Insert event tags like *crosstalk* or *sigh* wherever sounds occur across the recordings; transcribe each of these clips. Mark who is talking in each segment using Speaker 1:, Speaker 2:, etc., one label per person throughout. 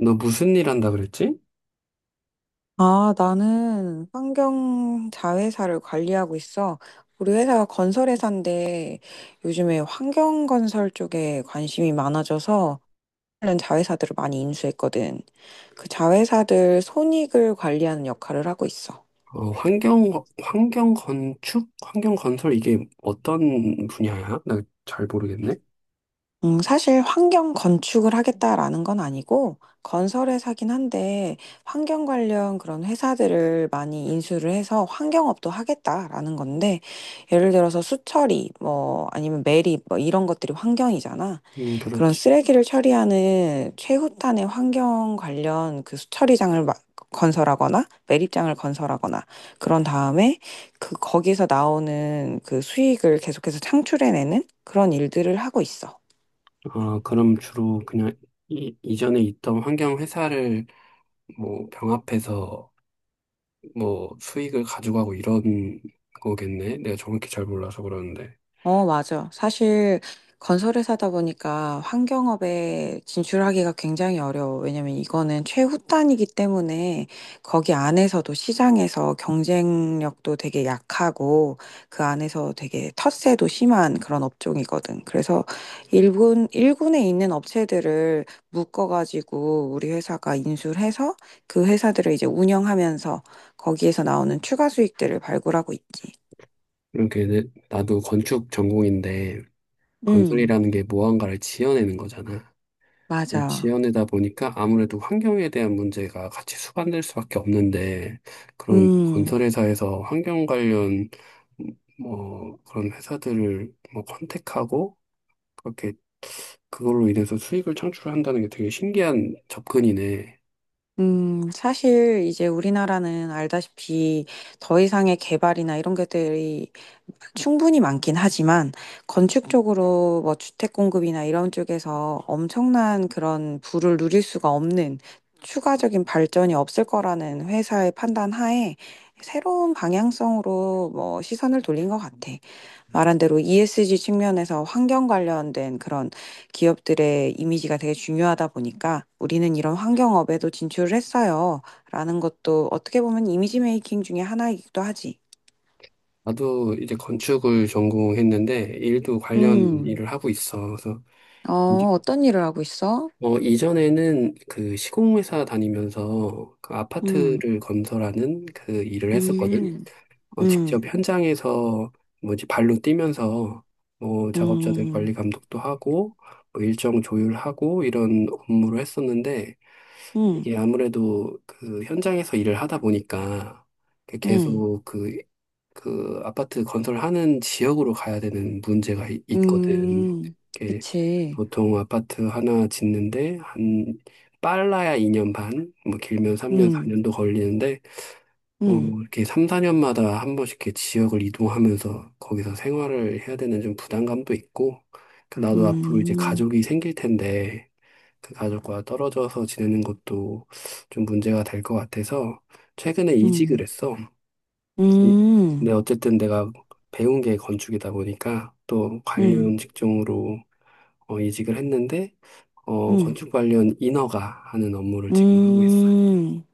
Speaker 1: 너 무슨 일 한다 그랬지?
Speaker 2: 아, 나는 환경 자회사를 관리하고 있어. 우리 회사가 건설회사인데 요즘에 환경 건설 쪽에 관심이 많아져서 관련 자회사들을 많이 인수했거든. 그 자회사들 손익을 관리하는 역할을 하고 있어.
Speaker 1: 환경, 환경 건축? 환경 건설 이게 어떤 분야야? 나 잘 모르겠네.
Speaker 2: 사실 환경 건축을 하겠다라는 건 아니고 건설회사긴 한데 환경 관련 그런 회사들을 많이 인수를 해서 환경업도 하겠다라는 건데 예를 들어서 수처리 뭐 아니면 매립 뭐 이런 것들이 환경이잖아. 그런
Speaker 1: 그렇지.
Speaker 2: 쓰레기를 처리하는 최후단의 환경 관련 그 수처리장을 건설하거나 매립장을 건설하거나 그런 다음에 그 거기서 나오는 그 수익을 계속해서 창출해내는 그런 일들을 하고 있어.
Speaker 1: 아, 그럼 주로 그냥 이전에 있던 환경 회사를 뭐 병합해서 뭐 수익을 가져가고 이런 거겠네. 내가 정확히 잘 몰라서 그러는데.
Speaker 2: 어, 맞아. 사실 건설회사다 보니까 환경업에 진출하기가 굉장히 어려워. 왜냐면 이거는 최후단이기 때문에 거기 안에서도 시장에서 경쟁력도 되게 약하고 그 안에서 되게 텃세도 심한 그런 업종이거든. 그래서 일군에 있는 업체들을 묶어가지고 우리 회사가 인수를 해서 그 회사들을 이제 운영하면서 거기에서 나오는 추가 수익들을 발굴하고 있지.
Speaker 1: 이렇게 내- 나도 건축 전공인데
Speaker 2: 음,
Speaker 1: 건설이라는 게 무언가를 지어내는 거잖아.
Speaker 2: 맞아.
Speaker 1: 지연이다 보니까 아무래도 환경에 대한 문제가 같이 수반될 수밖에 없는데 그런
Speaker 2: 음,
Speaker 1: 건설회사에서 환경 관련 뭐 그런 회사들을 뭐 컨택하고 그렇게 그걸로 인해서 수익을 창출한다는 게 되게 신기한 접근이네.
Speaker 2: 사실 이제 우리나라는 알다시피 더 이상의 개발이나 이런 것들이 충분히 많긴 하지만 건축 쪽으로 뭐 주택 공급이나 이런 쪽에서 엄청난 그런 부를 누릴 수가 없는 추가적인 발전이 없을 거라는 회사의 판단 하에 새로운 방향성으로 뭐 시선을 돌린 것 같아. 말한 대로 ESG 측면에서 환경 관련된 그런 기업들의 이미지가 되게 중요하다 보니까 우리는 이런 환경업에도 진출을 했어요. 라는 것도 어떻게 보면 이미지 메이킹 중에 하나이기도 하지.
Speaker 1: 나도 이제 건축을 전공했는데 일도 관련
Speaker 2: 음,
Speaker 1: 일을 하고 있어. 그래서
Speaker 2: 어,
Speaker 1: 이제-
Speaker 2: 어떤 일을 하고 있어?
Speaker 1: 어, 이전에는 그 시공회사 다니면서 그
Speaker 2: 음,
Speaker 1: 아파트를 건설하는 그 일을 했었거든.
Speaker 2: 음,
Speaker 1: 어,
Speaker 2: 음,
Speaker 1: 직접 현장에서 뭐지 발로 뛰면서 뭐 작업자들
Speaker 2: 음,
Speaker 1: 관리 감독도 하고 뭐 일정 조율하고 이런 업무를 했었는데
Speaker 2: 음,
Speaker 1: 이게 아무래도 그 현장에서 일을 하다 보니까 그
Speaker 2: 음,
Speaker 1: 계속 그, 그 아파트 건설하는 지역으로 가야 되는 문제가 있거든.
Speaker 2: 음,
Speaker 1: 이게
Speaker 2: 그치.
Speaker 1: 보통 아파트 하나 짓는데 한 빨라야 2년 반, 뭐 길면 3년,
Speaker 2: 음,
Speaker 1: 4년도 걸리는데 어,
Speaker 2: 음,
Speaker 1: 이렇게 3, 4년마다 한 번씩 이렇게 지역을 이동하면서 거기서 생활을 해야 되는 좀 부담감도 있고, 그 나도 앞으로 이제
Speaker 2: 음,
Speaker 1: 가족이 생길 텐데, 그 가족과 떨어져서 지내는 것도 좀 문제가 될 것 같아서, 최근에 이직을
Speaker 2: 음,
Speaker 1: 했어. 이- 근데
Speaker 2: 음,
Speaker 1: 어쨌든 내가 배운 게 건축이다 보니까, 또
Speaker 2: 음,
Speaker 1: 관련 직종으로 어, 이직을 했는데, 어,
Speaker 2: 음,
Speaker 1: 건축 관련 인허가 하는 업무를 지금 하고 있어.
Speaker 2: 음.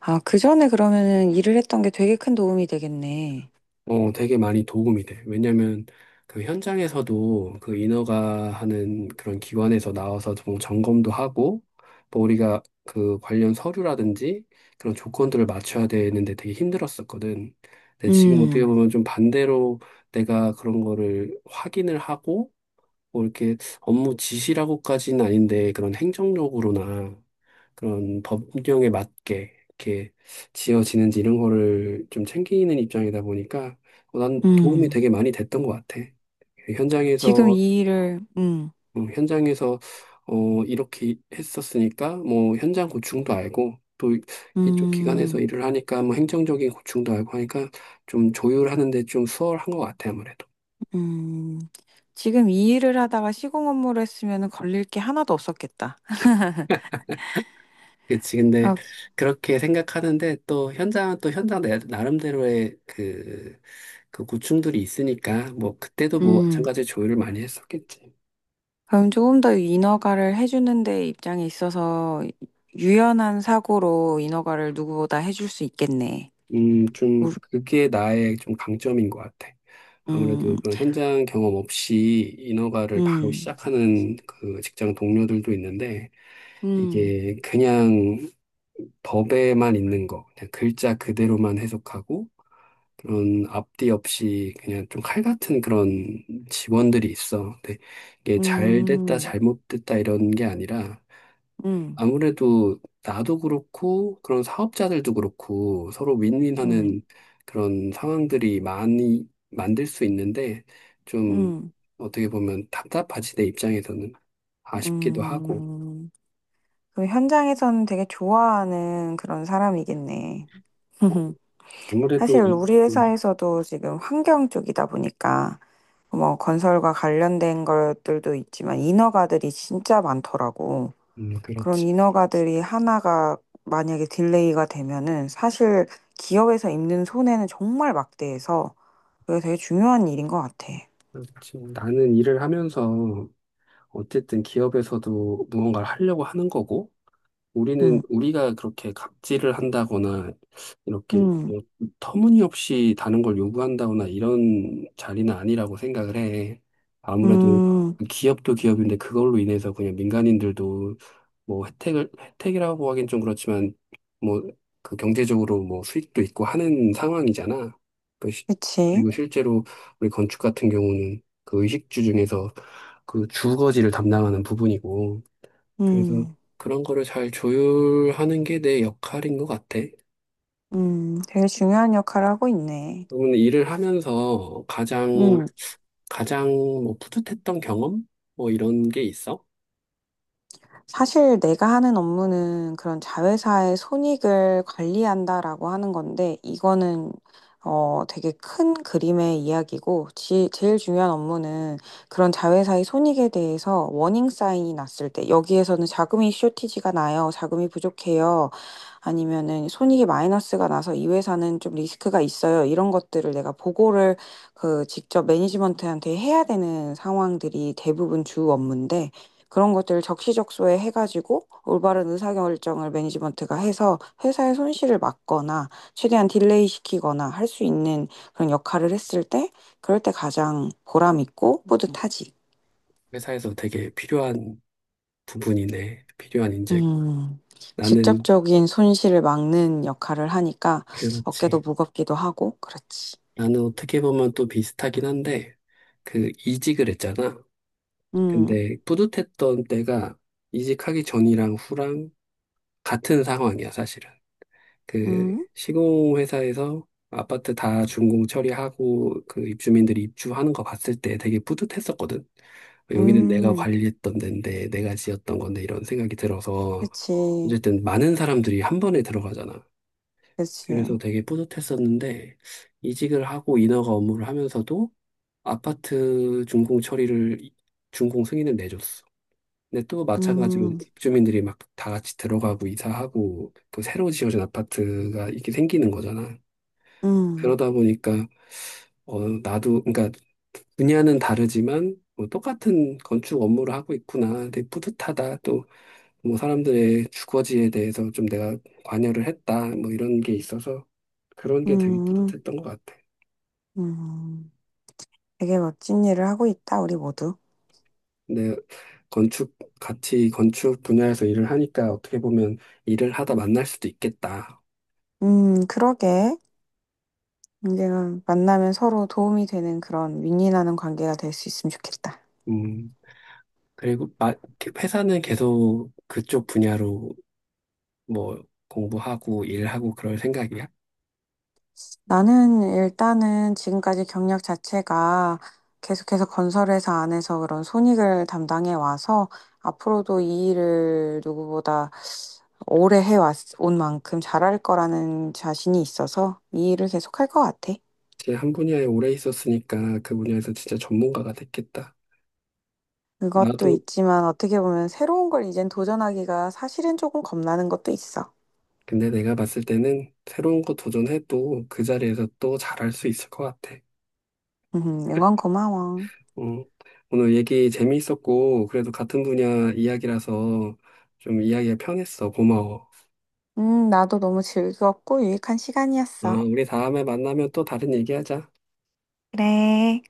Speaker 2: 아, 그 전에 그러면은 일을 했던 게 되게 큰 도움이 되겠네.
Speaker 1: 어, 되게 많이 도움이 돼. 왜냐면 그 현장에서도 그 인허가 하는 그런 기관에서 나와서 좀 점검도 하고, 뭐 우리가 그 관련 서류라든지 그런 조건들을 맞춰야 되는데 되게 힘들었었거든. 근데 지금 어떻게
Speaker 2: 음,
Speaker 1: 보면 좀 반대로 내가 그런 거를 확인을 하고, 뭐 이렇게 업무 지시라고까지는 아닌데 그런 행정적으로나 그런 법령에 맞게 이렇게 지어지는지 이런 거를 좀 챙기는 입장이다 보니까 어, 난 도움이
Speaker 2: 음.
Speaker 1: 되게 많이 됐던 것 같아.
Speaker 2: 지금
Speaker 1: 현장에서
Speaker 2: 이 일을,
Speaker 1: 어, 현장에서 어 이렇게 했었으니까 뭐 현장 고충도 알고 또 이쪽 기관에서
Speaker 2: 음,
Speaker 1: 일을 하니까 뭐 행정적인 고충도 알고 하니까 좀 조율하는 데 좀 수월한 것 같아 아무래도.
Speaker 2: 음. 지금 이 일을 하다가 시공 업무를 했으면 걸릴 게 하나도 없었겠다.
Speaker 1: 그치. 근데
Speaker 2: 아,
Speaker 1: 그렇게 생각하는데 또 현장은 또 나름대로의 그 고충들이 있으니까 뭐 그때도 뭐 마찬
Speaker 2: 음.
Speaker 1: 가지 조율을 많이 했었겠지.
Speaker 2: 그럼 조금 더 인허가를 해주는 데 입장에 있어서 유연한 사고로 인허가를 누구보다 해줄 수 있겠네.
Speaker 1: 좀
Speaker 2: 우-
Speaker 1: 그게 나의 좀 강점인 것 같아.
Speaker 2: 음,
Speaker 1: 아무래도 그런 현장 경험 없이 인허가를 바로
Speaker 2: 음,
Speaker 1: 시작하는 그 직장 동료들도 있는데
Speaker 2: 음,
Speaker 1: 이게 그냥 법에만 있는 거, 그냥 글자 그대로만 해석하고 그런 앞뒤 없이 그냥 좀 칼 같은 그런 직원들이 있어. 근데 이게 잘 됐다,
Speaker 2: 음,
Speaker 1: 잘못됐다 이런 게 아니라
Speaker 2: 음,
Speaker 1: 아무래도 나도 그렇고 그런 사업자들도 그렇고 서로
Speaker 2: 음,
Speaker 1: 윈윈하는 그런 상황들이 많이 만들 수 있는데 좀
Speaker 2: 음,
Speaker 1: 어떻게 보면 답답하지 내 입장에서는. 아쉽기도 하고.
Speaker 2: 음. 그 현장에서는 되게 좋아하는 그런 사람이겠네.
Speaker 1: 어,
Speaker 2: *laughs*
Speaker 1: 아무래도
Speaker 2: 사실 우리
Speaker 1: 음,
Speaker 2: 회사에서도 지금 환경 쪽이다 보니까 뭐 건설과 관련된 것들도 있지만 인허가들이 진짜 많더라고. 그런
Speaker 1: 그렇지.
Speaker 2: 인허가들이 하나가 만약에 딜레이가 되면은 사실 기업에서 입는 손해는 정말 막대해서 그게 되게 중요한 일인 것 같아.
Speaker 1: 그렇지. 나는 일을 하면서 어쨌든 기업에서도 무언가를 하려고 하는 거고, 우리는
Speaker 2: 음,
Speaker 1: 우리가 그렇게 갑질을 한다거나 이렇게
Speaker 2: 음,
Speaker 1: 어, 터무니없이 다른 걸 요구한다거나 이런 자리는 아니라고 생각을 해. 아무래도
Speaker 2: 음,
Speaker 1: 그 기업도 기업인데 그걸로 인해서 그냥 민간인들도 뭐 혜택을 혜택이라고 하긴 좀 그렇지만 뭐 그 경제적으로 뭐 수익도 있고 하는 상황이잖아. 그 시-
Speaker 2: 그치.
Speaker 1: 그리고 실제로 우리 건축 같은 경우는 그 의식주 중에서 그 주거지를 담당하는 부분이고. 그래서
Speaker 2: 음,
Speaker 1: 그런 거를 잘 조율하는 게 내 역할인 것 같아.
Speaker 2: 되게 중요한 역할을 하고 있네.
Speaker 1: 그러면 일을 하면서 가장, 가장 뭐 뿌듯했던 경험? 뭐 이런 게 있어?
Speaker 2: 사실 내가 하는 업무는 그런 자회사의 손익을 관리한다라고 하는 건데, 이거는 어, 되게 큰 그림의 이야기고, 제일 중요한 업무는 그런 자회사의 손익에 대해서 워닝 사인이 났을 때, 여기에서는 자금이 쇼티지가 나요, 자금이 부족해요, 아니면은 손익이 마이너스가 나서 이 회사는 좀 리스크가 있어요, 이런 것들을 내가 보고를 그 직접 매니지먼트한테 해야 되는 상황들이 대부분 주 업무인데, 그런 것들을 적시적소에 해가지고 올바른 의사결정을 매니지먼트가 해서 회사의 손실을 막거나 최대한 딜레이 시키거나 할 수 있는 그런 역할을 했을 때 그럴 때 가장 보람 있고 뿌듯하지.
Speaker 1: 회사에서 되게 필요한 부분이네. 필요한 인재.
Speaker 2: 음,
Speaker 1: 나는,
Speaker 2: 직접적인 손실을 막는 역할을 하니까 어깨도
Speaker 1: 그렇지.
Speaker 2: 무겁기도 하고 그렇지.
Speaker 1: 나는 어떻게 보면 또 비슷하긴 한데, 그 이직을 했잖아.
Speaker 2: 음,
Speaker 1: 근데 뿌듯했던 때가 이직하기 전이랑 후랑 같은 상황이야, 사실은. 그
Speaker 2: 음,
Speaker 1: 시공 회사에서 아파트 다 준공 처리하고 그 입주민들이 입주하는 거 봤을 때 되게 뿌듯했었거든. 여기는 내가
Speaker 2: 음,
Speaker 1: 관리했던 데인데 내가 지었던 건데 이런 생각이 들어서
Speaker 2: 그치,
Speaker 1: 어쨌든 많은 사람들이 한 번에 들어가잖아.
Speaker 2: 그치.
Speaker 1: 그래서 되게 뿌듯했었는데 이직을 하고 인허가 업무를 하면서도 아파트 준공 처리를 준공 승인을 내줬어. 근데 또 마찬가지로
Speaker 2: 음,
Speaker 1: 입주민들이 막 다 같이 들어가고 이사하고 또 새로 지어진 아파트가 이렇게 생기는 거잖아.
Speaker 2: 음,
Speaker 1: 그러다 보니까 어 나도 그러니까 분야는 다르지만 뭐 똑같은 건축 업무를 하고 있구나. 되게 뿌듯하다. 또 뭐 사람들의 주거지에 대해서 좀 내가 관여를 했다. 뭐 이런 게 있어서 그런 게 되게
Speaker 2: 음,
Speaker 1: 뿌듯했던 것 같아.
Speaker 2: 음. 되게 멋진 일을 하고 있다, 우리 모두.
Speaker 1: 근데 건축 분야에서 일을 하니까 어떻게 보면 일을 하다 만날 수도 있겠다.
Speaker 2: 그러게. 언젠가 만나면 서로 도움이 되는 그런 윈윈하는 관계가 될 수 있으면 좋겠다.
Speaker 1: 음. 그리고 회사는 계속 그쪽 분야로 뭐 공부하고 일하고 그럴 생각이야?
Speaker 2: 나는 일단은 지금까지 경력 자체가 계속해서 건설회사 안에서 그런 손익을 담당해 와서 앞으로도 이 일을 누구보다 오래 해왔, 온 만큼 잘할 거라는 자신이 있어서 이 일을 계속할 것 같아.
Speaker 1: 제가 한 분야에 오래 있었으니까 그 분야에서 진짜 전문가가 됐겠다.
Speaker 2: 그것도
Speaker 1: 나도
Speaker 2: 있지만 어떻게 보면 새로운 걸 이젠 도전하기가 사실은 조금 겁나는 것도 있어.
Speaker 1: 근데 내가 봤을 때는 새로운 거 도전해도 그 자리에서 또 잘할 수 있을 것 같아.
Speaker 2: 응원 고마워.
Speaker 1: 음, 오늘 얘기 재미있었고 그래도 같은 분야 이야기라서 좀 이야기가 편했어. 고마워.
Speaker 2: 나도 너무 즐거웠고 유익한
Speaker 1: 어,
Speaker 2: 시간이었어.
Speaker 1: 우리 다음에 만나면 또 다른 얘기하자.
Speaker 2: 그래.